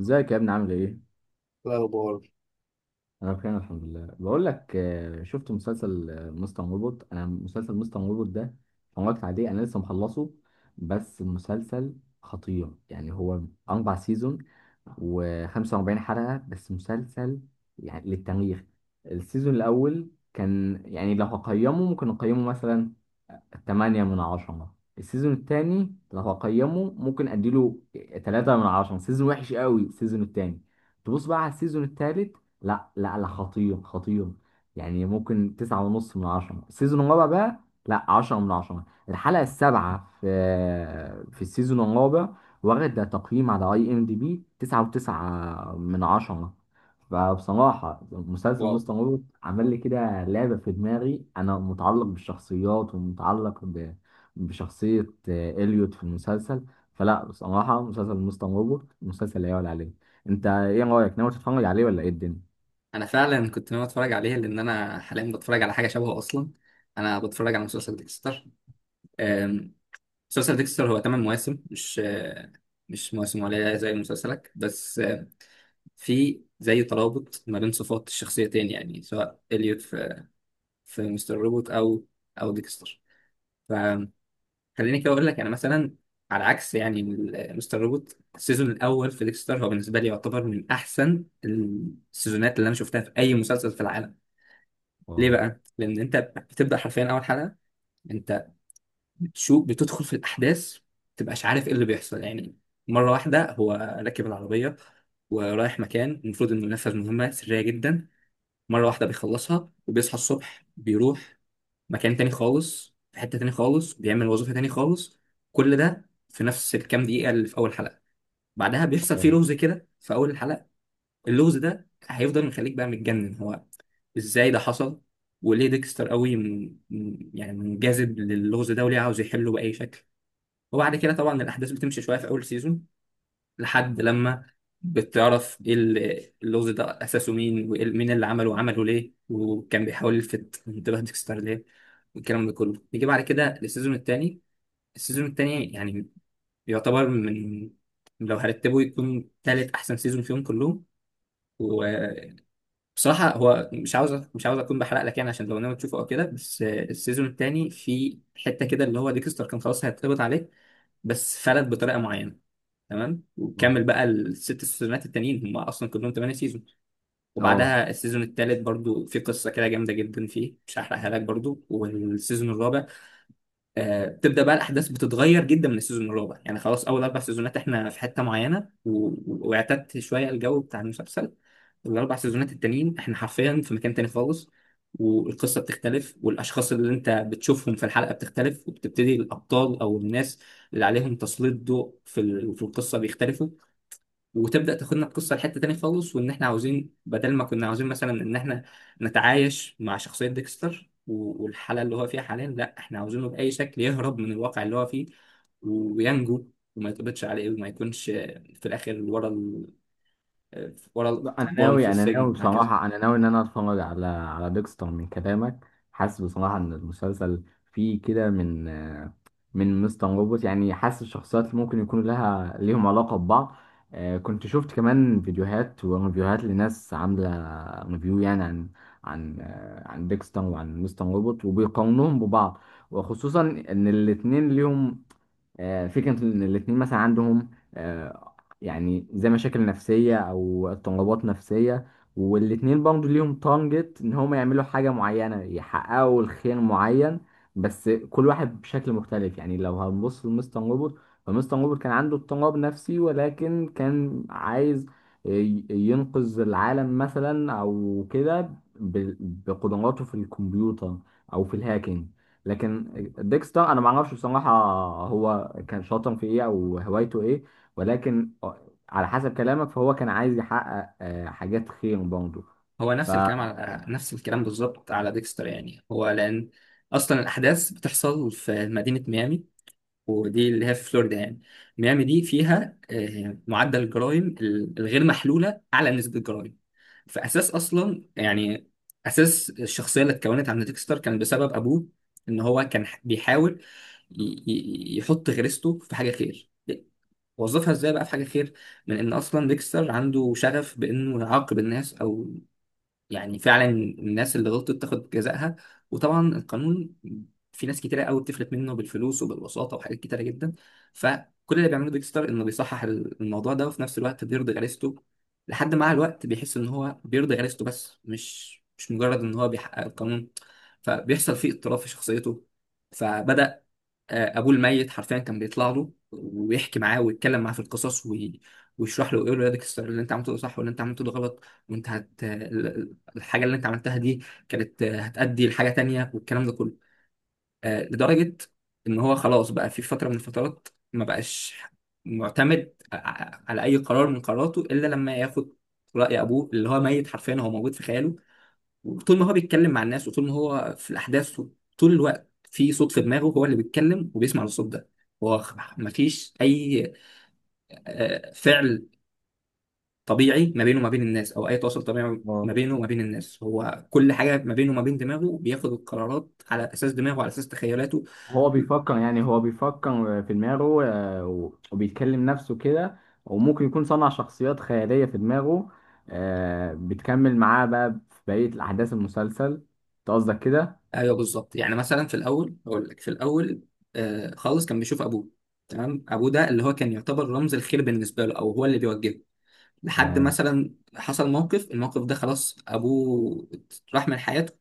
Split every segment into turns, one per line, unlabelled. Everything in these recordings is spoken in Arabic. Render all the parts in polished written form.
ازيك يا ابني عامل ايه؟
الأخبار.
انا بخير الحمد لله بقول لك شفت مسلسل مستر مربوط. انا مسلسل مستر مربوط ده اتفرجت عليه. انا لسه مخلصه، بس المسلسل خطير يعني. هو اربع سيزون و45 حلقه، بس مسلسل يعني للتاريخ. السيزون الاول كان، يعني لو هقيمه ممكن اقيمه مثلا 8 من 10. السيزون الثاني لو هقيمه ممكن اديله 3 من 10، سيزون وحش قوي السيزون الثاني. تبص بقى على السيزون الثالث، لا لا لا، خطير خطير، يعني ممكن 9.5 من 10. السيزون الرابع بقى، لا 10 من 10. الحلقة السابعة في السيزون الرابع، واخدة تقييم على IMDB 9.9 من 10. فبصراحة مسلسل
واو.
مستر روبوت عمل لي كده لعبة في دماغي. أنا متعلق بالشخصيات ومتعلق بشخصية إليوت في المسلسل. فلا بصراحة، مسلسل مستر روبوت مسلسل لا يعلى عليه. انت ايه رايك، ناوي تتفرج عليه ولا ايه الدنيا؟
انا فعلا كنت ناوي اتفرج عليه لان انا حاليا بتفرج على حاجه شبهه اصلا. انا بتفرج على مسلسل ديكستر. أم، مسلسل ديكستر هو 8 مواسم، مش مش مواسم قليله زي مسلسلك، بس في زي ترابط ما بين صفات الشخصيتين، يعني سواء اليوت في مستر روبوت او ديكستر. فخليني كده اقول لك انا مثلا على عكس يعني مستر روبوت، السيزون الاول في ديكستر هو بالنسبه لي يعتبر من احسن السيزونات اللي انا شفتها في اي مسلسل في العالم. ليه
اه،
بقى؟ لأن أنت بتبدأ حرفيا أول حلقة. أنت بتشوف، بتدخل في الأحداث، متبقاش عارف إيه اللي بيحصل يعني. مرة واحدة هو راكب العربية ورايح مكان المفروض إنه ينفذ مهمة سرية جدا. مرة واحدة بيخلصها وبيصحى الصبح بيروح مكان تاني خالص، في حتة تاني خالص، بيعمل وظيفة تاني خالص. كل ده في نفس الكام دقيقة اللي في أول حلقة. بعدها بيحصل فيه
اه،
لغز كده في أول الحلقة. اللغز ده هيفضل مخليك بقى متجنن. هو ازاي ده حصل؟ وليه ديكستر قوي يعني منجذب للغز ده وليه عاوز يحله بأي شكل؟ وبعد كده طبعا الأحداث بتمشي شوية في أول سيزون، لحد لما بتعرف ايه اللغز ده أساسه مين ومين اللي عمله وعمله ليه وكان بيحاول يلفت انتباه ديكستر ليه. والكلام ده كله نيجي بعد كده للسيزون التاني. السيزون التاني يعني يعتبر من، لو هرتبه يكون تالت أحسن سيزون فيهم كلهم. بصراحة هو مش عاوز أكون بحرق لك، يعني عشان لو ناوي تشوفه أو كده، بس السيزون التاني في حتة كده اللي هو ديكستر كان خلاص هيتقبض عليه بس فلت بطريقة معينة. تمام.
اه،
وكمل بقى الست سيزونات التانيين، هم أصلا كلهم تمانية سيزون.
اه.
وبعدها السيزون التالت برضو في قصة كده جامدة جدا فيه، مش هحرقها لك برضو. والسيزون الرابع بتبدا بقى الاحداث بتتغير جدا من السيزون الرابع. يعني خلاص اول اربع سيزونات احنا في حته معينه واعتدت شويه الجو بتاع المسلسل. الاربع سيزونات التانيين احنا حرفيا في مكان تاني خالص، والقصه بتختلف، والاشخاص اللي انت بتشوفهم في الحلقه بتختلف، وبتبتدي الابطال او الناس اللي عليهم تسليط ضوء في في القصه بيختلفوا. وتبدا تاخدنا القصه لحته تاني خالص، وان احنا عاوزين بدل ما كنا عاوزين مثلا ان احنا نتعايش مع شخصيه ديكستر والحاله اللي هو فيها حاليا، لا احنا عاوزينه باي شكل يهرب من الواقع اللي هو فيه وينجو، وما يتقبضش عليه وما يكونش في الاخر ورا ورا
لا، انا
القضبان في
ناوي انا ناوي
السجن وهكذا.
بصراحه، انا ناوي ان انا اتفرج على ديكستر. من كلامك حاسس بصراحه ان المسلسل فيه كده من من مستر روبوت، يعني حاسس الشخصيات اللي ممكن يكون لها ليهم علاقه ببعض. كنت شفت كمان فيديوهات وريفيوهات لناس عامله ريفيو، يعني عن عن ديكستر وعن مستر روبوت وبيقارنوهم ببعض. وخصوصا ان الاتنين ليهم فكرة، إن الاتنين مثلا عندهم يعني زي مشاكل نفسية أو اضطرابات نفسية. والاتنين برضه ليهم تارجت إن هما يعملوا حاجة معينة، يحققوا الخير معين، بس كل واحد بشكل مختلف. يعني لو هنبص لمستر روبوت، فمستر روبوت كان عنده اضطراب نفسي، ولكن كان عايز ينقذ العالم مثلا أو كده ب- بقدراته في الكمبيوتر أو في الهاكينج. لكن ديكس ده انا ما اعرفش بصراحه، هو كان شاطر في ايه او هوايته ايه، ولكن على حسب كلامك فهو كان عايز يحقق حاجات خير برضه.
هو نفس الكلام،
اه،
على نفس الكلام بالظبط على ديكستر يعني. هو لان اصلا الاحداث بتحصل في مدينه ميامي، ودي اللي هي في فلوريدا يعني. ميامي دي فيها معدل الجرائم الغير محلولة أعلى نسبة جرائم. فأساس أصلا يعني أساس الشخصية اللي اتكونت عند ديكستر كان بسبب أبوه. إن هو كان بيحاول يحط غريزته في حاجة خير. وظفها ازاي بقى في حاجة خير؟ من إن أصلا ديكستر عنده شغف بإنه يعاقب الناس، أو يعني فعلا الناس اللي غلطت تاخد جزائها. وطبعا القانون في ناس كتيرة قوي بتفلت منه بالفلوس وبالوساطة وحاجات كتيرة جدا. فكل اللي بيعمله بيج ستار انه بيصحح الموضوع ده، وفي نفس الوقت بيرضي غريزته. لحد مع الوقت بيحس ان هو بيرضي غريزته بس، مش مجرد ان هو بيحقق القانون. فبيحصل فيه اضطراب في شخصيته. فبدأ ابوه الميت حرفيا كان بيطلع له ويحكي معاه ويتكلم معاه في القصص ويشرح له ويقول له يا ديك: اللي انت عملته ده صح واللي انت عملته ده غلط، وانت هت الحاجه اللي انت عملتها دي كانت هتأدي لحاجه تانية، والكلام ده كله. لدرجه ان هو خلاص بقى في فتره من الفترات ما بقاش معتمد على اي قرار من قراراته الا لما ياخد رأي ابوه، اللي هو ميت حرفيا، هو موجود في خياله. طول ما هو بيتكلم مع الناس وطول ما هو في الأحداث، طول الوقت في صوت في دماغه هو اللي بيتكلم وبيسمع الصوت ده. هو مفيش أي فعل طبيعي ما بينه وما بين الناس، أو أي تواصل طبيعي ما بينه وما بين الناس. هو كل حاجة ما بينه وما بين دماغه، بياخد القرارات على أساس دماغه، على أساس تخيلاته.
هو بيفكر، يعني هو بيفكر في دماغه وبيتكلم نفسه كده، وممكن يكون صنع شخصيات خيالية في دماغه بتكمل معاه بقى في بقية الأحداث المسلسل. أنت قصدك كده؟
أيوه بالظبط. يعني مثلا في الأول، أقول لك في الأول خالص كان بيشوف أبوه. تمام، أبوه ده اللي هو كان يعتبر رمز الخير بالنسبة له، أو هو اللي بيوجهه. لحد
تمام.
مثلا حصل موقف، الموقف ده خلاص ابوه راح من حياته.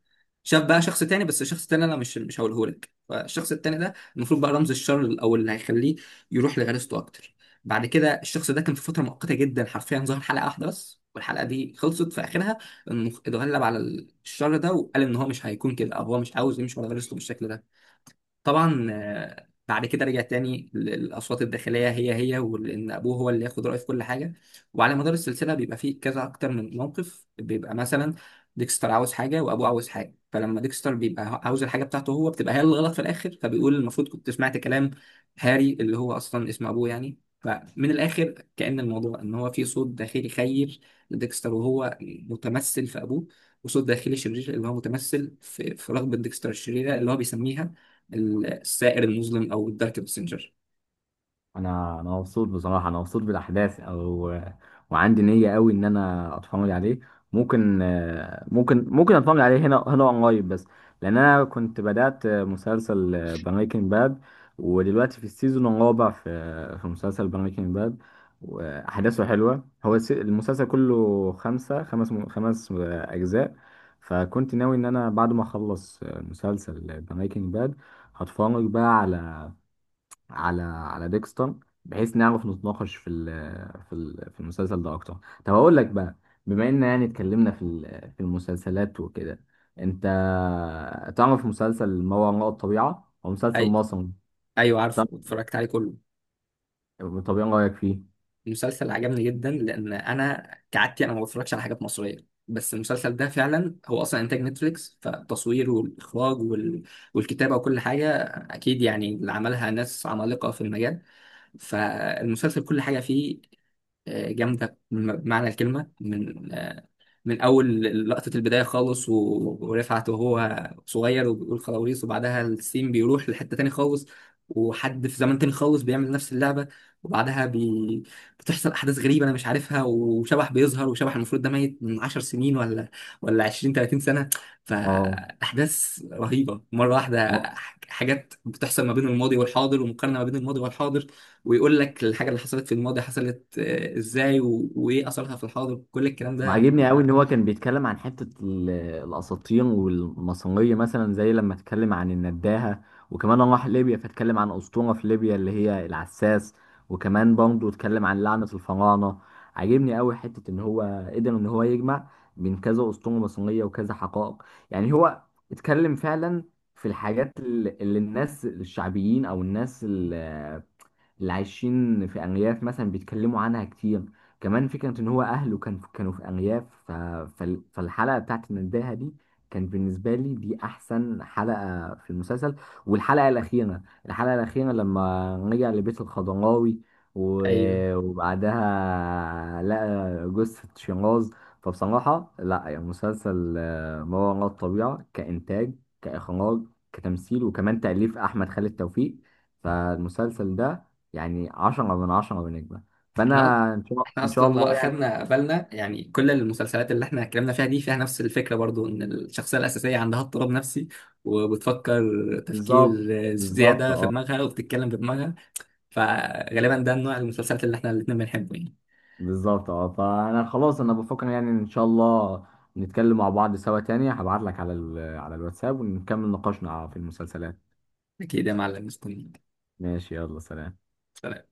شاف بقى شخص تاني، بس الشخص التاني انا مش هقوله لك. فالشخص التاني ده المفروض بقى رمز الشر، او اللي هيخليه يروح لغريزته اكتر. بعد كده الشخص ده كان في فتره مؤقته جدا حرفيا، ظهر حلقه واحده بس والحلقه دي خلصت في اخرها انه اتغلب على الشر ده، وقال ان هو مش هيكون كده، او هو مش عاوز يمشي ورا غريزته بالشكل ده. طبعا بعد كده رجع تاني للأصوات الداخلية هي هي، وإن أبوه هو اللي ياخد رأيه في كل حاجة. وعلى مدار السلسلة بيبقى فيه كذا أكتر من موقف، بيبقى مثلا ديكستر عاوز حاجة وأبوه عاوز حاجة، فلما ديكستر بيبقى عاوز الحاجة بتاعته هو، بتبقى هي اللي غلط في الآخر، فبيقول المفروض كنت سمعت كلام هاري، اللي هو أصلا اسم أبوه يعني. فمن الآخر كأن الموضوع إن هو في صوت داخلي خير لديكستر، وهو متمثل في أبوه، وصوت داخلي شرير اللي هو متمثل في رغبة ديكستر الشريرة اللي هو بيسميها السائر المظلم او الدارك باسنجر.
انا مبسوط بصراحه، انا مبسوط بالاحداث، او وعندي نيه قوي ان انا اتفرج عليه. ممكن ممكن اتفرج عليه هنا قريب، بس لان انا كنت بدات مسلسل بريكنج باد، ودلوقتي في السيزون الرابع في مسلسل بريكنج باد، واحداثه حلوه. هو المسلسل كله خمسه خمس خمس اجزاء. فكنت ناوي ان انا بعد ما اخلص مسلسل بريكنج باد هتفرج بقى على على ديكستون، بحيث نعرف نتناقش في ال في ال في المسلسل ده اكتر. طب اقول لك بقى، بما ان يعني اتكلمنا في المسلسلات وكده، انت تعرف مسلسل ما وراء الطبيعة؟ هو مسلسل
اي،
مصري.
ايوه عارفه
طب،
واتفرجت عليه كله.
ايه رايك فيه؟
المسلسل عجبني جدا لان انا كعادتي انا ما بتفرجش على حاجات مصريه، بس المسلسل ده فعلا هو اصلا انتاج نتفليكس، فالتصوير والاخراج والكتابه وكل حاجه اكيد يعني اللي عملها ناس عمالقه في المجال. فالمسلسل كل حاجه فيه جامده بمعنى الكلمه. من اول لقطه البدايه خالص ورفعت وهو صغير وبيقول خلاويص، وبعدها السين بيروح لحته تاني خالص، وحد في زمن تاني خالص بيعمل نفس اللعبه. وبعدها بتحصل احداث غريبه انا مش عارفها، وشبح بيظهر، وشبح المفروض ده ميت من 10 سنين ولا 20 30 سنه.
اه،
فاحداث رهيبه مره واحده. حاجات بتحصل ما بين الماضي والحاضر، ومقارنه ما بين الماضي والحاضر. ويقول لك الحاجه اللي حصلت في الماضي حصلت ازاي، وايه اثرها في الحاضر، كل الكلام ده
وعاجبني قوي
يعني.
ان هو كان بيتكلم عن حته الاساطين والماسونيه، مثلا زي لما اتكلم عن النداهه. وكمان راح ليبيا فاتكلم عن اسطوره في ليبيا اللي هي العساس. وكمان برضه اتكلم عن لعنه الفراعنه. عاجبني قوي حته ان هو قدر ان هو يجمع بين كذا اسطوره ماسونيه وكذا حقائق. يعني هو اتكلم فعلا في الحاجات اللي الناس الشعبيين او الناس اللي عايشين في أرياف مثلا بيتكلموا عنها كتير. كمان فكرة إن هو أهله كان كانوا في أرياف، فالحلقة بتاعت نداها دي، كان بالنسبة لي دي أحسن حلقة في المسلسل. والحلقة الأخيرة، الحلقة الأخيرة لما رجع لبيت الخضراوي
ايوه
وبعدها لقى جثة شيراز. فبصراحة لا، يعني مسلسل ما وراء الطبيعة، كإنتاج كإخراج كتمثيل وكمان تأليف أحمد خالد توفيق، فالمسلسل ده يعني 10 من 10 بنجمة. فأنا
احنا احنا
إن شاء
اصلا لو
الله يعني.
اخدنا بالنا يعني، كل المسلسلات اللي احنا اتكلمنا فيها دي فيها نفس الفكره برضو، ان الشخصيه الاساسيه عندها اضطراب نفسي، وبتفكر تفكير
بالظبط، بالظبط
زياده في
أه،
دماغها، وبتتكلم بدماغها. فغالبا ده النوع المسلسلات اللي احنا الاتنين بنحبه يعني.
بالظبط أه. فأنا خلاص أنا بفكر يعني، إن شاء الله نتكلم مع بعض سوا تاني، هبعت لك على على الواتساب ونكمل نقاشنا في المسلسلات.
اكيد يا معلم، مستنيك.
ماشي، يلا سلام.
سلام.